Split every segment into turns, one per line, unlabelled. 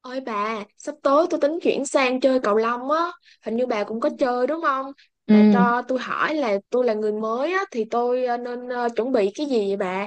Ôi bà, sắp tới tôi tính chuyển sang chơi cầu lông á, hình như bà cũng có chơi đúng không?
Ừ.
Bà cho tôi hỏi là tôi là người mới á, thì tôi nên chuẩn bị cái gì vậy bà?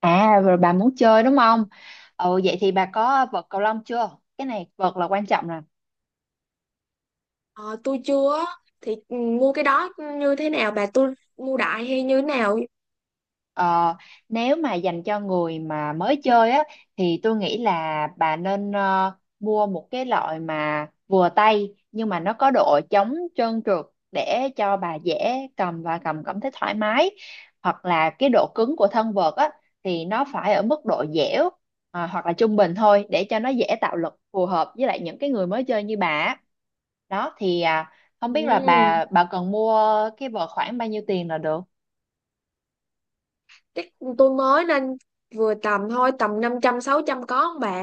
À rồi bà muốn chơi đúng không? Ừ, vậy thì bà có vợt cầu lông chưa? Cái này vợt là quan trọng.
Ờ, tôi chưa, á, thì mua cái đó như thế nào bà? Tôi mua đại hay như thế nào?
Ờ, Nếu mà dành cho người mà mới chơi á thì tôi nghĩ là bà nên mua một cái loại mà vừa tay, nhưng mà nó có độ chống trơn trượt để cho bà dễ cầm và cầm cảm thấy thoải mái, hoặc là cái độ cứng của thân vợt á thì nó phải ở mức độ dẻo, hoặc là trung bình thôi, để cho nó dễ tạo lực phù hợp với lại những cái người mới chơi như bà á. Đó thì không biết là
Ừm,
bà cần mua cái vợt khoảng bao nhiêu tiền là được.
Chắc tôi mới nên vừa tầm thôi, tầm 500 600 có không bà?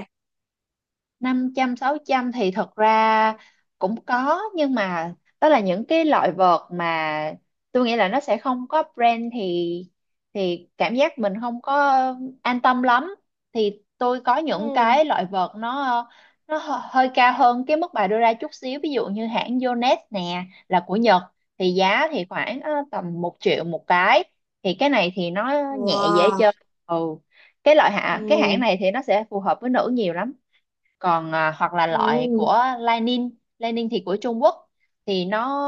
500 600 thì thật ra cũng có, nhưng mà đó là những cái loại vợt mà tôi nghĩ là nó sẽ không có brand, thì cảm giác mình không có an tâm lắm. Thì tôi có những
Ừm.
cái loại vợt nó hơi cao hơn cái mức bà đưa ra chút xíu, ví dụ như hãng Yonex nè, là của Nhật, thì giá thì khoảng tầm 1 triệu một cái. Thì cái này thì nó nhẹ, dễ
Wow.
chơi. Ừ, cái loại hạ cái hãng
Ừm,
này thì nó sẽ phù hợp với nữ nhiều lắm. Còn hoặc là loại
ừm,
của Lining. Lining thì của Trung Quốc, thì nó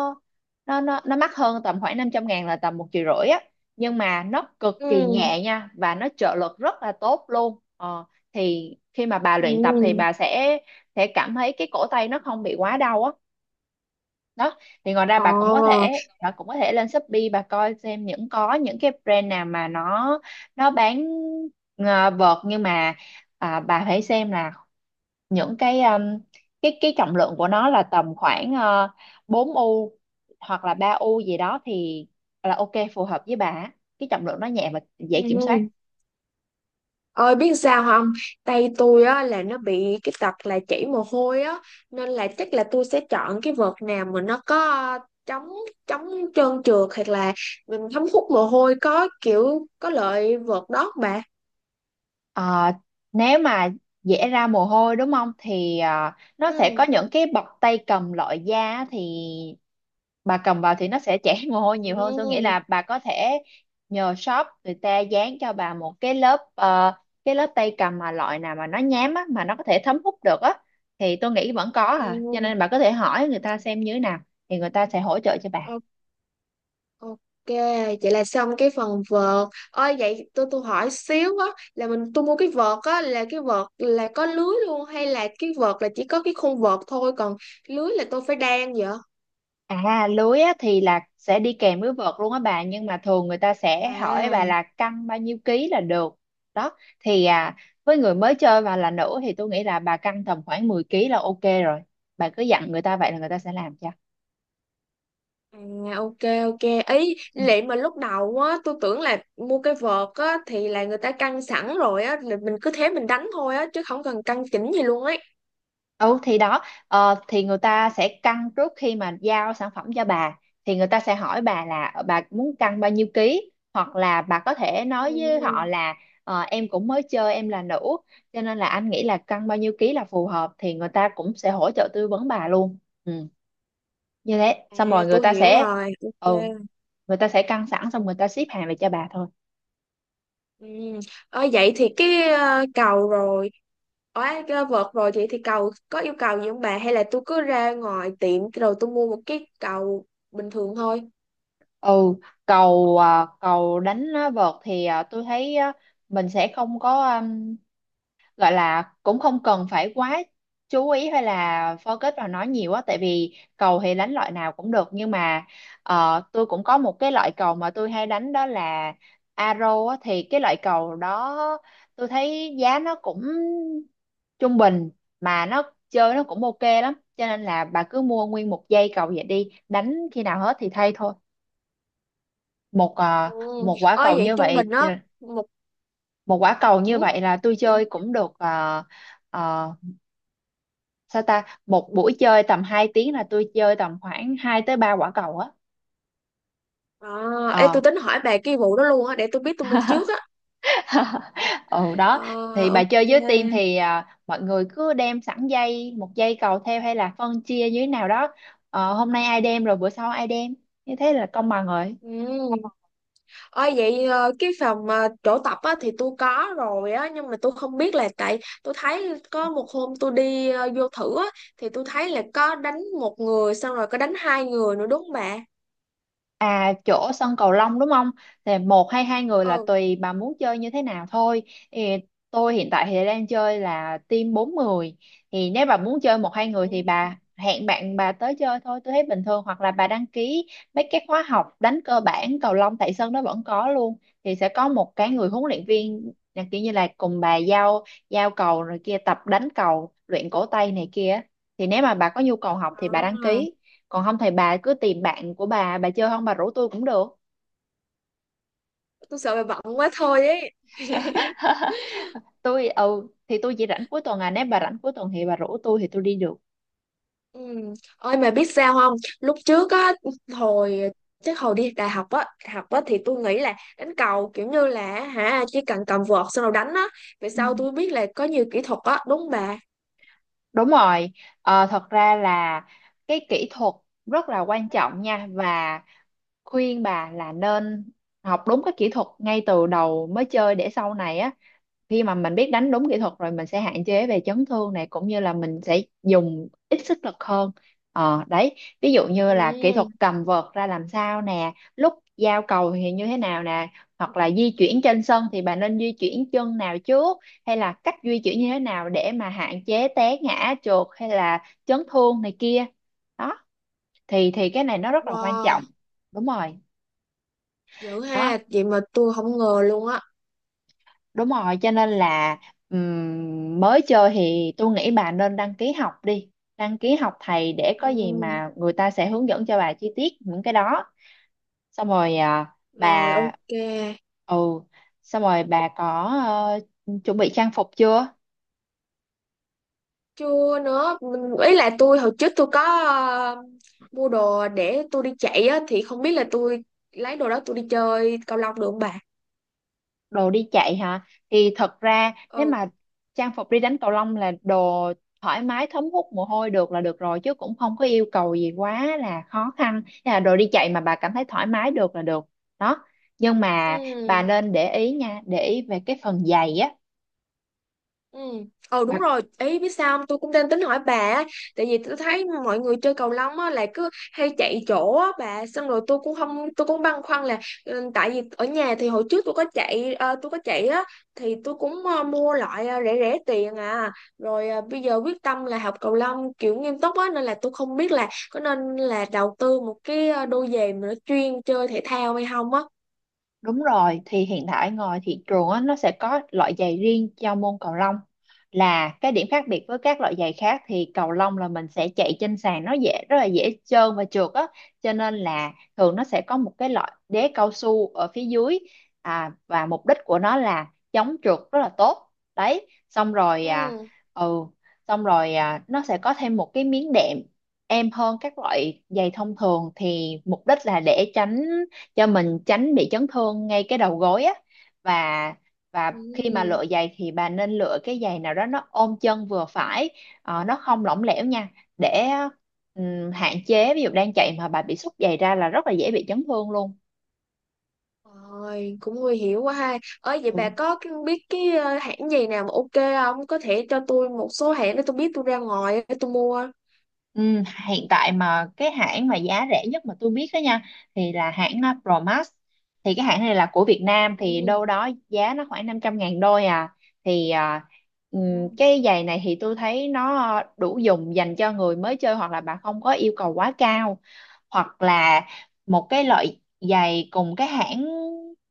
nó mắc hơn, tầm khoảng 500 ngàn, là tầm 1 triệu rưỡi á, nhưng mà nó cực kỳ
ừm,
nhẹ nha, và nó trợ lực rất là tốt luôn. Ờ, thì khi mà bà luyện tập thì
ừm.
bà sẽ cảm thấy cái cổ tay nó không bị quá đau á. Đó, thì ngoài ra
Ờ.
bà cũng có thể lên Shopee, bà coi xem những có những cái brand nào mà nó bán vợt, nhưng mà bà phải xem là những cái cái trọng lượng của nó là tầm khoảng 4 u, hoặc là 3 u gì đó, thì là ok, phù hợp với bà á. Cái trọng lượng nó nhẹ và dễ kiểm soát.
Ừm. Ơi biết sao không? Tay tôi á là nó bị cái tật là chảy mồ hôi á, nên là chắc là tôi sẽ chọn cái vợt nào mà nó có ờ, chống chống trơn trượt hoặc là mình thấm hút mồ hôi có kiểu có lợi vợt đó bà.
Ờ, nếu mà dễ ra mồ hôi đúng không, thì nó sẽ có
Ừ.
những cái bọc tay cầm loại da á. Thì bà cầm vào thì nó sẽ chảy mồ hôi nhiều hơn, tôi nghĩ
Ừ.
là bà có thể nhờ shop người ta dán cho bà một cái lớp cái lớp tay cầm mà loại nào mà nó nhám á, mà nó có thể thấm hút được á. Thì tôi nghĩ vẫn có
Ừ.
à, cho nên bà có thể hỏi người ta xem như thế nào, thì người ta sẽ hỗ trợ cho bà.
O- Ok, vậy là xong cái phần vợt. Ơi vậy tôi hỏi xíu á, là mình tôi mua cái vợt á là cái vợt là có lưới luôn hay là cái vợt là chỉ có cái khung vợt thôi, còn lưới là tôi phải đan vậy?
À lưới á, thì là sẽ đi kèm với vợt luôn á bà, nhưng mà thường người ta sẽ hỏi
À.
bà là cân bao nhiêu ký là được. Đó thì với người mới chơi và là nữ thì tôi nghĩ là bà cân tầm khoảng 10 ký là ok rồi. Bà cứ dặn người ta vậy, là người ta sẽ làm cho.
À, ok, ok, ý lệ mà lúc đầu á tôi tưởng là mua cái vợt á thì là người ta căng sẵn rồi á, là mình cứ thế mình đánh thôi á chứ không cần căng chỉnh gì luôn ấy.
Ừ thì đó, thì người ta sẽ cân trước khi mà giao sản phẩm cho bà. Thì người ta sẽ hỏi bà là bà muốn cân bao nhiêu ký, hoặc là bà có thể nói với họ
Ừ.
là em cũng mới chơi, em là nữ, cho nên là anh nghĩ là cân bao nhiêu ký là phù hợp, thì người ta cũng sẽ hỗ trợ tư vấn bà luôn. Ừ, như thế xong
À,
rồi người
tôi
ta
hiểu
sẽ,
rồi,
ừ,
ok.
người ta sẽ cân sẵn, xong người ta ship hàng về cho bà thôi.
Ừ. Vậy thì cái cầu rồi, ở cái vợt rồi, vậy thì cầu có yêu cầu gì không bà, hay là tôi cứ ra ngoài tiệm rồi tôi mua một cái cầu bình thường thôi.
Ừ, cầu cầu đánh á, vợt thì tôi thấy á, mình sẽ không có gọi là, cũng không cần phải quá chú ý hay là focus vào nó nhiều á, tại vì cầu thì đánh loại nào cũng được, nhưng mà tôi cũng có một cái loại cầu mà tôi hay đánh, đó là arrow á. Thì cái loại cầu đó tôi thấy giá nó cũng trung bình, mà nó chơi nó cũng ok lắm, cho nên là bà cứ mua nguyên một dây cầu vậy, đi đánh khi nào hết thì thay thôi. Một
Ừ.
một quả
Ơi
cầu
vậy
như
trung bình
vậy
á, một...
một quả cầu như
Ừ?
vậy là tôi chơi cũng được. uh, Sao ta, một buổi chơi tầm 2 tiếng là tôi chơi tầm khoảng 2 tới 3 quả cầu á.
À. Ê,
Ờ.
tôi tính hỏi bà cái vụ đó luôn á để tôi biết tôi mua trước á.
Ừ
Ờ,
đó, thì bà
ok.
chơi với team thì mọi người cứ đem sẵn dây một dây cầu theo, hay là phân chia như thế nào đó. Ờ, hôm nay ai đem, rồi bữa sau ai đem, như thế là công bằng rồi.
Ừ. Ôi vậy cái phòng chỗ tập á thì tôi có rồi á, nhưng mà tôi không biết là tại tôi thấy có một hôm tôi đi vô thử á, thì tôi thấy là có đánh một người xong rồi có đánh hai người nữa đúng không bà.
À chỗ sân cầu lông đúng không? Thì một hay hai người là
Ừ.
tùy bà muốn chơi như thế nào thôi. Thì tôi hiện tại thì đang chơi là team bốn người. Thì nếu bà muốn chơi một hai
Ừ.
người thì bà hẹn bạn bà tới chơi thôi, tôi thấy bình thường. Hoặc là bà đăng ký mấy cái khóa học đánh cơ bản cầu lông tại sân đó vẫn có luôn. Thì sẽ có một cái người huấn luyện viên là kiểu như là cùng bà giao giao cầu, rồi kia tập đánh cầu, luyện cổ tay này kia. Thì nếu mà bà có nhu cầu học thì bà đăng
À,
ký, còn không thì bà cứ tìm bạn của bà chơi, không bà rủ tôi cũng được.
tôi sợ bà bận quá thôi ấy.
Tôi, ừ thì tôi chỉ rảnh cuối tuần à, nếu bà rảnh cuối tuần thì bà rủ tôi, thì tôi đi được.
Ừ. Ôi mà biết sao không, lúc trước á, hồi chắc hồi đi đại học á, học á, thì tôi nghĩ là đánh cầu kiểu như là hả, chỉ cần cầm vợt xong rồi đánh á, về
Ừ,
sau tôi biết là có nhiều kỹ thuật á đúng không bà.
đúng rồi. Ờ, thật ra là cái kỹ thuật rất là quan trọng nha, và khuyên bà là nên học đúng cái kỹ thuật ngay từ đầu mới chơi, để sau này á, khi mà mình biết đánh đúng kỹ thuật rồi, mình sẽ hạn chế về chấn thương này, cũng như là mình sẽ dùng ít sức lực hơn. Ờ đấy, ví dụ như là kỹ thuật
Ừ.
cầm vợt ra làm sao nè, lúc giao cầu thì như thế nào nè, hoặc là di chuyển trên sân thì bạn nên di chuyển chân nào trước, hay là cách di chuyển như thế nào để mà hạn chế té ngã trượt hay là chấn thương này kia. Đó thì cái này nó rất là quan
Wow,
trọng. Đúng rồi.
dữ
Đó,
ha, vậy mà tôi không ngờ luôn á.
đúng rồi, cho nên là mới chơi thì tôi nghĩ bà nên đăng ký học đi. Đăng ký học thầy để có gì
Ừ.
mà người ta sẽ hướng dẫn cho bà chi tiết những cái đó. Xong rồi
Rồi,
bà,
ok.
ừ, xong rồi bà có ờ, chuẩn bị trang phục chưa?
Chưa nữa, mình ý là tôi hồi trước tôi có mua đồ để tôi đi chạy á, thì không biết là tôi lấy đồ đó tôi đi chơi cầu lông được không bà.
Đồ đi chạy hả? Thì thật ra nếu
Ừ.
mà trang phục đi đánh cầu lông là đồ thoải mái, thấm hút mồ hôi được là được rồi, chứ cũng không có yêu cầu gì quá là khó khăn. Thế là đồ đi chạy mà bà cảm thấy thoải mái được là được. Đó, nhưng mà bà
Ừ.
nên để ý nha, để ý về cái phần giày á.
Ừ. Ờ đúng rồi, ý biết sao không? Tôi cũng đang tính hỏi bà á, tại vì tôi thấy mọi người chơi cầu lông á là cứ hay chạy chỗ á bà, xong rồi tôi cũng không, tôi cũng băn khoăn là ừ, tại vì ở nhà thì hồi trước tôi có chạy tôi có chạy á thì tôi cũng mua loại rẻ rẻ tiền à, rồi bây giờ quyết tâm là học cầu lông kiểu nghiêm túc á, nên là tôi không biết là có nên là đầu tư một cái đôi giày mà nó chuyên chơi thể thao hay không á.
Đúng rồi, thì hiện tại ngoài thị trường á, nó sẽ có loại giày riêng cho môn cầu lông. Là cái điểm khác biệt với các loại giày khác thì cầu lông là mình sẽ chạy trên sàn, nó dễ, rất là dễ trơn và trượt á, cho nên là thường nó sẽ có một cái loại đế cao su ở phía dưới. Và mục đích của nó là chống trượt rất là tốt. Đấy, xong rồi
Ừ.
ừ, xong rồi nó sẽ có thêm một cái miếng đệm êm hơn các loại giày thông thường, thì mục đích là để tránh cho mình, tránh bị chấn thương ngay cái đầu gối á. Và
Ừ.
khi mà lựa giày thì bà nên lựa cái giày nào đó nó ôm chân vừa phải. Ờ, nó không lỏng lẻo nha, để hạn chế, ví dụ đang chạy mà bà bị xúc giày ra là rất là dễ bị chấn thương luôn.
Rồi, cũng nguy hiểm quá ha. Ơi vậy bà
Ừ.
có biết cái hãng gì nào mà ok không? Có thể cho tôi một số hãng để tôi biết tôi ra ngoài để tôi mua.
Ừ, hiện tại mà cái hãng mà giá rẻ nhất mà tôi biết đó nha, thì là hãng Promax. Thì cái hãng này là của Việt Nam, thì
Ừ.
đâu đó giá nó khoảng 500 ngàn đôi à. Thì cái giày này thì tôi thấy nó đủ dùng dành cho người mới chơi, hoặc là bạn không có yêu cầu quá cao. Hoặc là một cái loại giày cùng cái hãng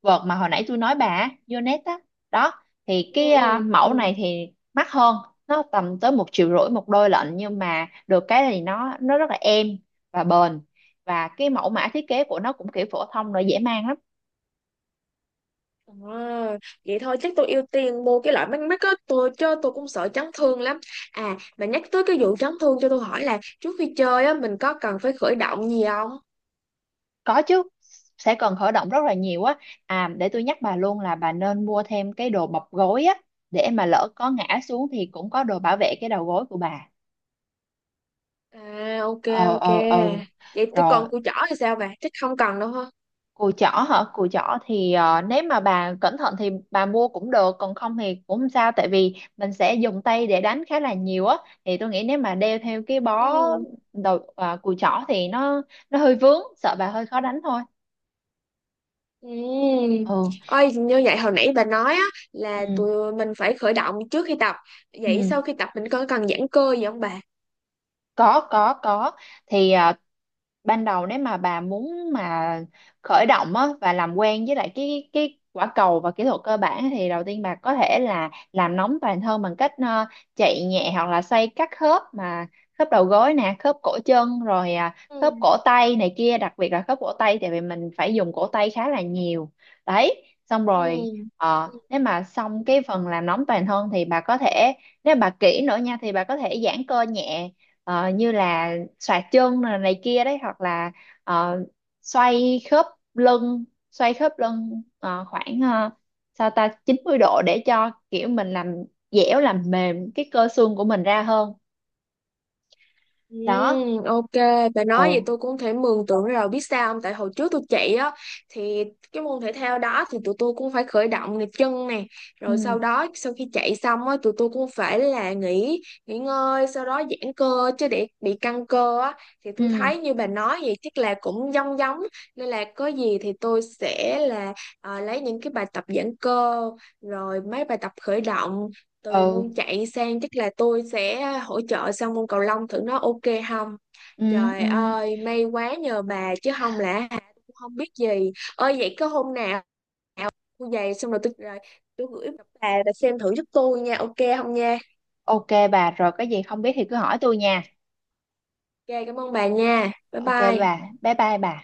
vợt mà hồi nãy tôi nói bà á, Yonex á. Đó thì
Ừ,
cái
ừ, ừ.
mẫu này thì mắc hơn, nó tầm tới 1 triệu rưỡi một đôi lận, nhưng mà được cái thì nó rất là êm và bền, và cái mẫu mã thiết kế của nó cũng kiểu phổ thông rồi, dễ mang lắm.
À, vậy thôi chắc tôi ưu tiên mua cái loại mắt mắt á tôi, chứ tôi cũng sợ chấn thương lắm. À mà nhắc tới cái vụ chấn thương, cho tôi hỏi là trước khi chơi á mình có cần phải khởi động gì không?
Có chứ, sẽ cần khởi động rất là nhiều á. À để tôi nhắc bà luôn là bà nên mua thêm cái đồ bọc gối á, để mà lỡ có ngã xuống thì cũng có đồ bảo vệ cái đầu gối của bà.
À, ok,
ờ
ok,
ờ ờ
vậy tôi
Rồi.
còn cùi chỏ thì sao bà, chắc không cần đâu ha.
Cùi chỏ hả? Cùi chỏ thì nếu mà bà cẩn thận thì bà mua cũng được, còn không thì cũng không sao, tại vì mình sẽ dùng tay để đánh khá là nhiều á. Thì tôi nghĩ nếu mà đeo theo cái bó
Ừ.
đầu cùi chỏ thì nó hơi vướng, sợ bà hơi khó đánh thôi.
Ừm.
Ừ.
Ôi, như vậy hồi nãy bà nói á, là
Ừ.
tụi mình phải khởi động trước khi tập. Vậy
Ừ.
sau khi tập mình có cần giãn cơ gì không bà?
Có có. Thì ban đầu, nếu mà bà muốn mà khởi động á và làm quen với lại cái quả cầu và kỹ thuật cơ bản, thì đầu tiên bà có thể là làm nóng toàn thân bằng cách chạy nhẹ hoặc là xoay các khớp, mà khớp đầu gối nè, khớp cổ chân, rồi khớp
Ừ.
cổ tay này kia, đặc biệt là khớp cổ tay, tại vì mình phải dùng cổ tay khá là nhiều. Đấy, xong
Ừ.
rồi nếu mà xong cái phần làm nóng toàn thân thì bà có thể, nếu bà kỹ nữa nha, thì bà có thể giãn cơ nhẹ. Ờ, như là xoạc chân này, này kia đấy, hoặc là ờ, xoay khớp lưng, khoảng sao ta, 90 độ, để cho kiểu mình làm dẻo, làm mềm cái cơ xương của mình ra hơn.
Ừ,
Đó.
ok, bà nói vậy
Ừ.
tôi cũng thể mường tượng rồi, biết sao không? Tại hồi trước tôi chạy á thì cái môn thể thao đó thì tụi tôi cũng phải khởi động này chân nè, rồi
Ừ.
sau đó sau khi chạy xong á tụi tôi cũng phải là nghỉ nghỉ ngơi, sau đó giãn cơ chứ để bị căng cơ á, thì tôi
Ừ.
thấy như bà nói vậy chắc là cũng giống giống, nên là có gì thì tôi sẽ là à, lấy những cái bài tập giãn cơ rồi mấy bài tập khởi động từ
Ừ.
môn chạy sang, chắc là tôi sẽ hỗ trợ sang môn cầu lông thử nó ok không.
Ừ.
Trời
Ừ.
ơi may quá nhờ bà chứ không là hả, tôi cũng không biết gì. Ơi vậy có hôm nào tôi về xong rồi tôi gửi bà xem thử giúp tôi nha, ok không nha?
Ok bà, rồi cái gì không biết thì cứ hỏi tôi nha.
Ok, cảm ơn bà nha, bye
Ok bà,
bye.
bye bye bà.